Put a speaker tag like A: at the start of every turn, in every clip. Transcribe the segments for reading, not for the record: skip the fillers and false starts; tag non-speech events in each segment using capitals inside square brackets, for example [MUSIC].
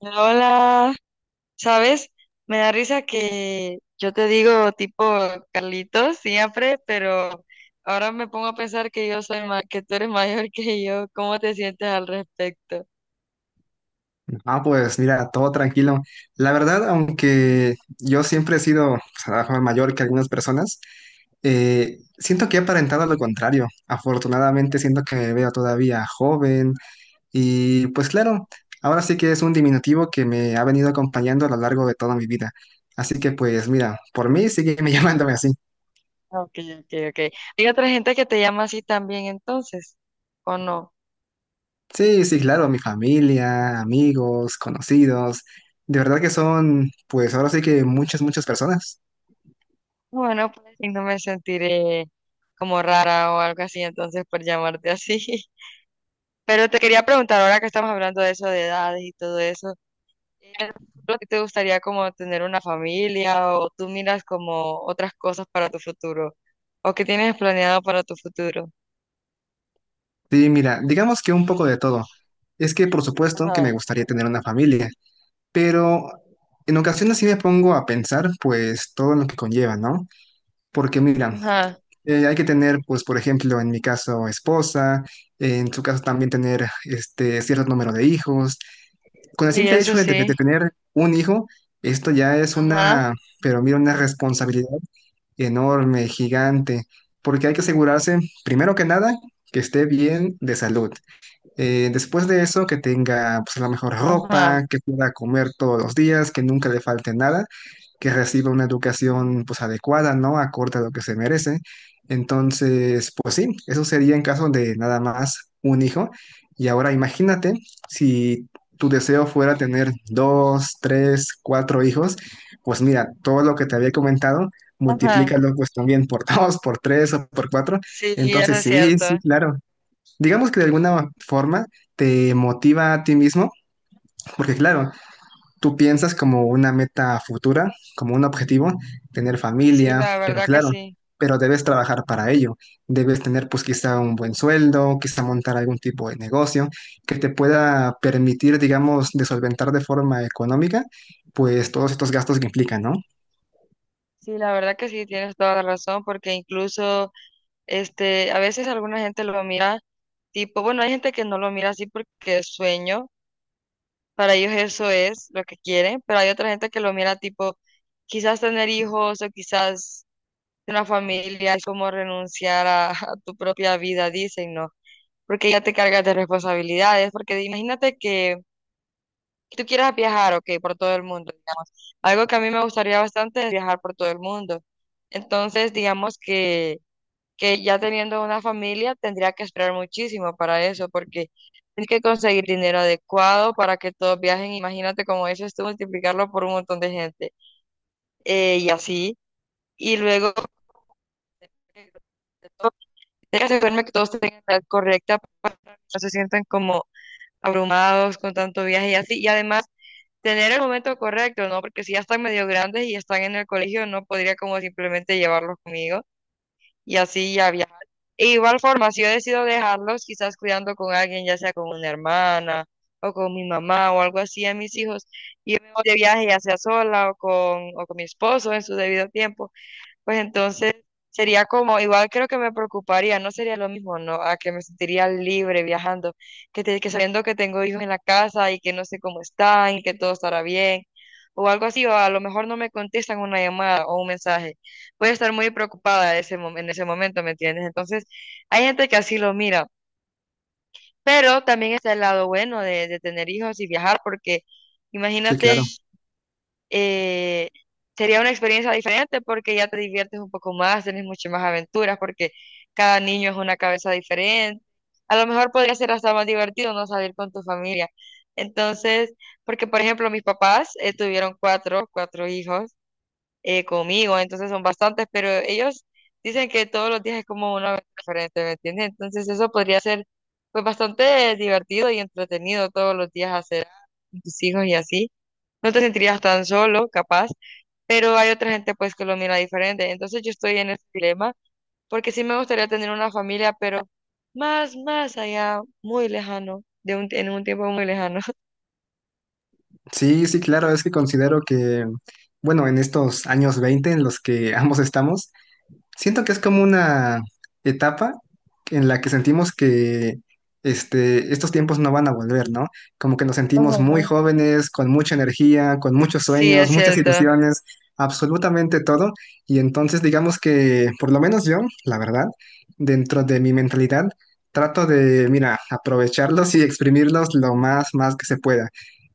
A: Hola, ¿sabes? Me da risa que yo te digo tipo Carlitos siempre, pero ahora me pongo a pensar que que tú eres mayor [LAUGHS] que yo. ¿Cómo te sientes al respecto?
B: Ah, pues mira, todo tranquilo. La verdad, aunque yo siempre he sido pues, a lo mejor mayor que algunas personas, siento que he aparentado lo contrario. Afortunadamente, siento que me veo todavía joven y pues claro, ahora sí que es un diminutivo que me ha venido acompañando a lo largo de toda mi vida. Así que pues mira, por mí sigue [LAUGHS] llamándome así.
A: Ah, Ok, ok, ok. ¿Hay otra gente que te llama así también entonces? ¿O no?
B: Sí, sí, claro, mi familia, amigos, conocidos, de verdad que son pues ahora sí que muchas, muchas personas.
A: Bueno, pues y no me sentiré como rara o algo así entonces por llamarte así. [LAUGHS] Pero te quería preguntar, ahora que estamos hablando de eso, de edades y todo eso. ¿En el futuro a ti te gustaría como tener una familia o tú miras como otras cosas para tu futuro o qué tienes planeado para tu futuro?
B: Sí, mira, digamos que un poco de todo. Es que por supuesto que me
A: Ajá.
B: gustaría tener una familia, pero en ocasiones sí me pongo a pensar pues todo lo que conlleva, ¿no? Porque mira,
A: Ajá,
B: hay que tener pues por ejemplo en mi caso esposa, en su caso también tener este cierto número de hijos. Con
A: sí,
B: el simple
A: eso
B: hecho de
A: sí.
B: tener un hijo, esto ya es
A: Ajá,
B: una, pero mira, una responsabilidad enorme, gigante, porque hay que asegurarse, primero que nada, que esté bien de salud. Después de eso, que tenga pues, la mejor
A: ajá,
B: ropa, que pueda comer todos los días, que nunca le falte nada, que reciba una educación pues adecuada, ¿no? Acorde a lo que se merece. Entonces, pues sí, eso sería en caso de nada más un hijo. Y ahora imagínate si tu deseo fuera tener dos, tres, cuatro hijos, pues mira, todo lo que te había comentado,
A: ajá.
B: multiplícalo pues también por [LAUGHS] dos, por tres o por cuatro.
A: Sí, eso
B: Entonces,
A: es
B: sí,
A: cierto.
B: sí, claro, digamos que de alguna forma te motiva a ti mismo, porque claro, tú piensas como una meta futura, como un objetivo, tener
A: Sí,
B: familia,
A: la
B: pero
A: verdad que
B: claro,
A: sí.
B: pero debes trabajar para ello, debes tener pues quizá un buen sueldo, quizá montar algún tipo de negocio que te pueda permitir, digamos, de solventar de forma económica, pues todos estos gastos que implican, ¿no?
A: Sí, la verdad que sí, tienes toda la razón porque incluso este, a veces alguna gente lo mira tipo, bueno, hay gente que no lo mira así porque es sueño. Para ellos eso es lo que quieren, pero hay otra gente que lo mira tipo, quizás tener hijos o quizás una familia es como renunciar a, [LAUGHS] a tu propia vida, dicen, ¿no? Porque ya te cargas de responsabilidades, porque imagínate que tú quieras viajar, ok, por todo el mundo, digamos. Algo que a mí me gustaría bastante es viajar por todo el mundo. Entonces, digamos que ya teniendo una familia tendría que esperar muchísimo para eso, porque tienes que conseguir dinero adecuado para que todos viajen. Imagínate, como dices tú, multiplicarlo por un montón de gente y así. Y luego, eh, todo- tienes que asegurarme que todos tengan la edad correcta para que no se sientan como abrumados con tanto viaje y así. Y además, tener el momento correcto, ¿no? Porque si ya están medio grandes y están en el colegio, no podría como simplemente llevarlos conmigo y así ya viajar. E igual forma, si yo decido dejarlos, quizás cuidando con alguien, ya sea con una hermana o con mi mamá o algo así a mis hijos, y yo me voy de viaje ya sea sola o con mi esposo en su debido tiempo pues entonces sería como, igual creo que me preocuparía, no sería lo mismo, ¿no? A que me sentiría libre viajando, que sabiendo que tengo hijos en la casa y que no sé cómo están y que todo estará bien, o algo así, o a lo mejor no me contestan una llamada o un mensaje. Voy a estar muy preocupada en ese momento, ¿me entiendes? Entonces, hay gente que así lo mira, pero también está el lado bueno de tener hijos y viajar, porque
B: Sí,
A: imagínate
B: claro.
A: eh, sería una experiencia diferente porque ya te diviertes un poco más, tenés muchas más aventuras porque cada niño es una cabeza diferente. A lo mejor podría ser hasta más divertido no salir con tu familia. Entonces, porque por ejemplo mis papás tuvieron cuatro, cuatro hijos conmigo, entonces son bastantes, pero ellos dicen que todos los días es como una aventura diferente, ¿me entiendes? Entonces eso podría ser pues bastante divertido y entretenido todos los días hacer con tus hijos y así. No te sentirías tan solo, capaz pero hay otra gente pues que lo mira diferente. Entonces yo estoy en ese dilema porque sí me gustaría tener una familia, pero más, más allá, muy lejano, en un tiempo muy lejano.
B: Sí, sí, claro, es que considero que, bueno, en estos años 20 en los que [LAUGHS] ambos estamos, siento que es como una etapa en la que sentimos que estos tiempos no van a volver, ¿no? Como que nos
A: [LAUGHS]
B: sentimos muy
A: Ajá,
B: jóvenes, con mucha energía, con muchos
A: sí, es
B: sueños, muchas
A: cierto.
B: ilusiones, absolutamente todo. Y entonces digamos que, por lo menos yo, la verdad, dentro de mi mentalidad, trato de, mira, aprovecharlos y exprimirlos lo más, más que se pueda.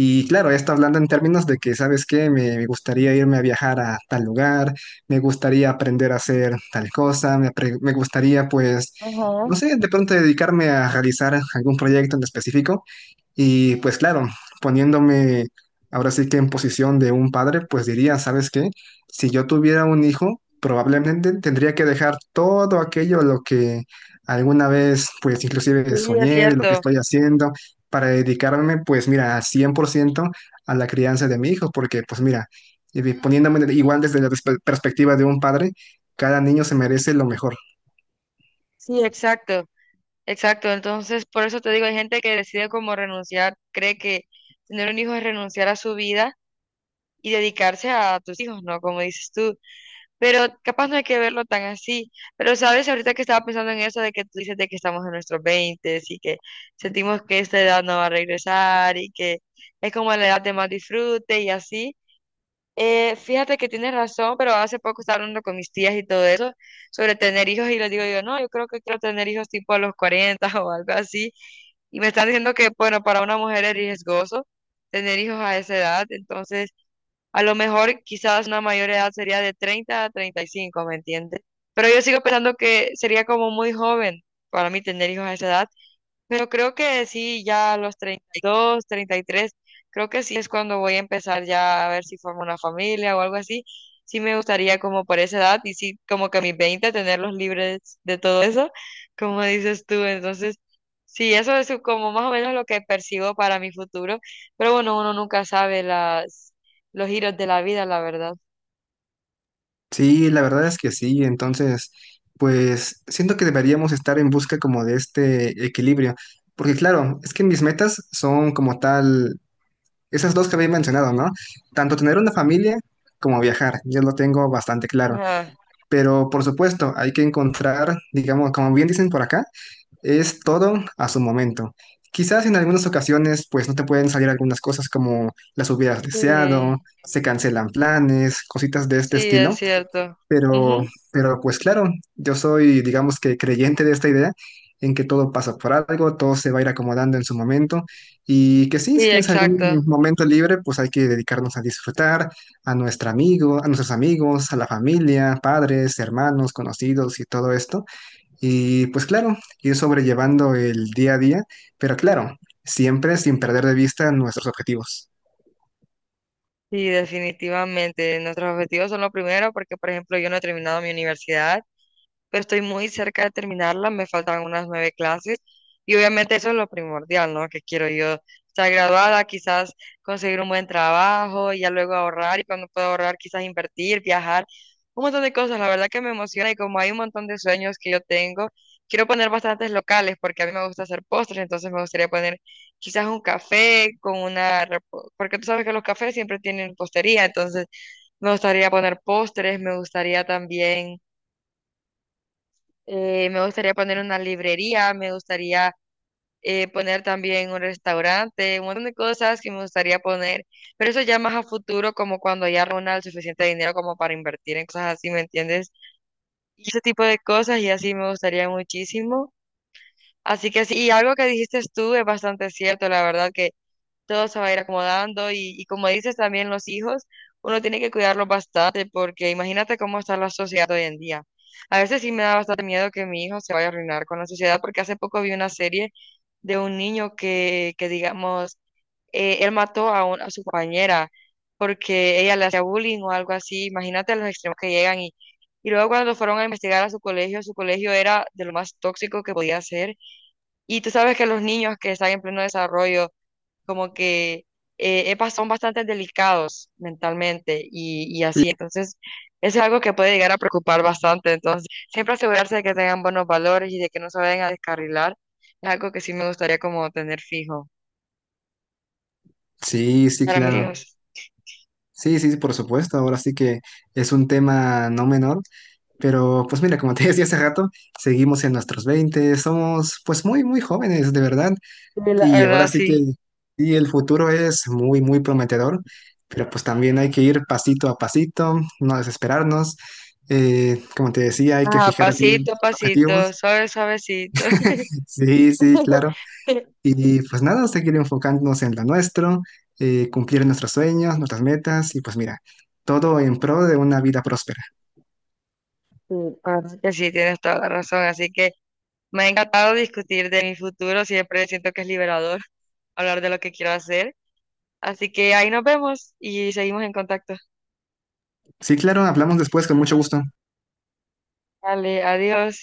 B: Y claro, esto hablando en términos de que, ¿sabes qué? Me gustaría irme a viajar a tal lugar, me gustaría aprender a hacer tal cosa, me gustaría pues,
A: Ajá,
B: no sé, de pronto dedicarme a realizar algún proyecto en específico y pues claro, poniéndome ahora sí que en posición de un padre, pues diría, ¿sabes qué? Si yo tuviera un hijo, probablemente tendría que dejar todo aquello a lo que alguna vez pues inclusive
A: sí, es
B: soñé de lo que
A: cierto.
B: estoy haciendo para dedicarme pues mira al 100% a la crianza de mi hijo, porque pues mira, poniéndome igual desde la perspectiva de un padre, cada niño se merece lo mejor.
A: Sí, exacto, exacto. Entonces, por eso te digo, hay gente que decide como renunciar, cree que tener un hijo es renunciar a su vida y dedicarse a tus hijos, ¿no? Como dices tú. Pero capaz no hay que verlo tan así. Pero sabes, ahorita que estaba pensando en eso de que tú dices de que estamos en nuestros 20 y que sentimos que esta edad no va a regresar y que es como la edad de más disfrute y así. Fíjate que tienes razón, pero hace poco estaba hablando con mis tías y todo eso sobre tener hijos y les digo yo, no, yo creo que quiero tener hijos tipo a los 40 [LAUGHS] o algo así. Y me están diciendo que, bueno, para una mujer es riesgoso tener hijos a esa edad. Entonces... A lo mejor quizás una mayor edad sería de 30 a 35, ¿me entiendes? Pero yo sigo pensando que sería como muy joven para mí tener hijos a esa edad, pero creo que sí, ya a los 32, 33 creo que sí es cuando voy a empezar ya a ver si formo una familia o algo así. Sí me gustaría como por esa edad y sí como que a mis 20 tenerlos libres de todo eso, como dices tú. Entonces, sí, eso es como más o menos lo que percibo para mi futuro. Pero bueno, uno nunca sabe las, los giros de la vida, la verdad.
B: Sí, la verdad es que sí. Entonces, pues siento que deberíamos estar en busca como de este equilibrio. Porque claro, es que mis metas son como tal, esas dos que había mencionado, ¿no? Tanto tener una familia como viajar. Yo lo tengo bastante claro.
A: Ajá.
B: Pero por supuesto, hay que encontrar, digamos, como bien dicen por acá, es todo a su momento. Quizás en algunas ocasiones pues no te pueden salir algunas cosas como las hubieras deseado,
A: Sí,
B: se cancelan planes, cositas de este
A: sí,
B: estilo,
A: es cierto.
B: pero
A: Ujú.
B: pero pues claro, yo soy digamos que creyente de esta idea en que todo pasa por algo, todo se va a ir acomodando en su momento y que sí, si
A: Sí,
B: tienes
A: exacto.
B: algún momento libre, pues hay que dedicarnos a disfrutar a nuestro amigo, a nuestros amigos, a la familia, padres, hermanos, conocidos y todo esto. Y pues claro, ir sobrellevando el día a día, pero claro, siempre sin perder de vista nuestros objetivos.
A: Sí, definitivamente. Nuestros objetivos son lo primero porque, por ejemplo, yo no he terminado mi universidad pero estoy muy cerca de terminarla, me faltan unas nueve clases y obviamente eso es lo primordial, ¿no? Que quiero yo estar graduada, quizás conseguir un buen trabajo y ya luego ahorrar y cuando pueda ahorrar quizás invertir, viajar, un montón de cosas, la verdad que me emociona y como hay un montón de sueños que yo tengo, quiero poner bastantes locales porque a mí me gusta hacer postres, entonces me gustaría poner quizás un café con porque tú sabes que los cafés siempre tienen postería, entonces... Me gustaría poner postres, me gustaría también me gustaría poner una librería, me gustaría poner también un restaurante, un montón de cosas que me gustaría poner, pero eso ya más a futuro, como cuando ya reúna el suficiente dinero como para invertir en cosas así, ¿me entiendes? Y ese tipo de cosas y así me gustaría muchísimo. Así que sí, y algo que dijiste tú es bastante cierto, la verdad que todo se va a ir acomodando como dices también los hijos, uno tiene que cuidarlos bastante porque imagínate cómo está la sociedad hoy en día. A veces sí me da bastante miedo que mi hijo se vaya a arruinar con la sociedad porque hace poco vi una serie de un niño que digamos, él mató a, a su compañera porque ella le hacía bullying o algo así. Imagínate los extremos que llegan luego cuando fueron a investigar a su colegio era de lo más tóxico que podía ser. Y tú sabes que los niños que están en pleno desarrollo, como que son bastante delicados mentalmente así. Entonces, eso es algo que puede llegar a preocupar bastante. Entonces, siempre asegurarse de que tengan buenos valores y de que no se vayan a descarrilar es algo que sí me gustaría como tener fijo
B: Sí, sí,
A: para mis
B: claro.
A: hijos.
B: Sí, sí, sí, por supuesto. Ahora sí que es un tema no menor. Pero pues mira, como te [LAUGHS] decía hace rato, seguimos en nuestros veinte, somos pues muy, muy jóvenes, de verdad.
A: Sí, la
B: Y ahora
A: verdad,
B: sí que
A: sí.
B: sí, el futuro es muy, muy prometedor, pero pues también hay que ir pasito a pasito, no desesperarnos. Como te decía, hay que
A: Ajá,
B: fijar bien
A: pasito a
B: nuestros
A: pasito,
B: objetivos.
A: suave, suavecito.
B: Sí, sí,
A: [LAUGHS]
B: claro. Y pues nada, seguir enfocándonos en lo nuestro, cumplir nuestros sueños, nuestras metas y pues mira, todo en pro de una vida próspera.
A: Sí, la verdad que sí, tienes toda la razón. Así que me ha encantado discutir de mi futuro. Siempre siento que es liberador [LAUGHS] hablar de lo que quiero hacer. Así que ahí nos vemos y seguimos en contacto.
B: Sí, claro, hablamos después con mucho gusto.
A: Vale, adiós.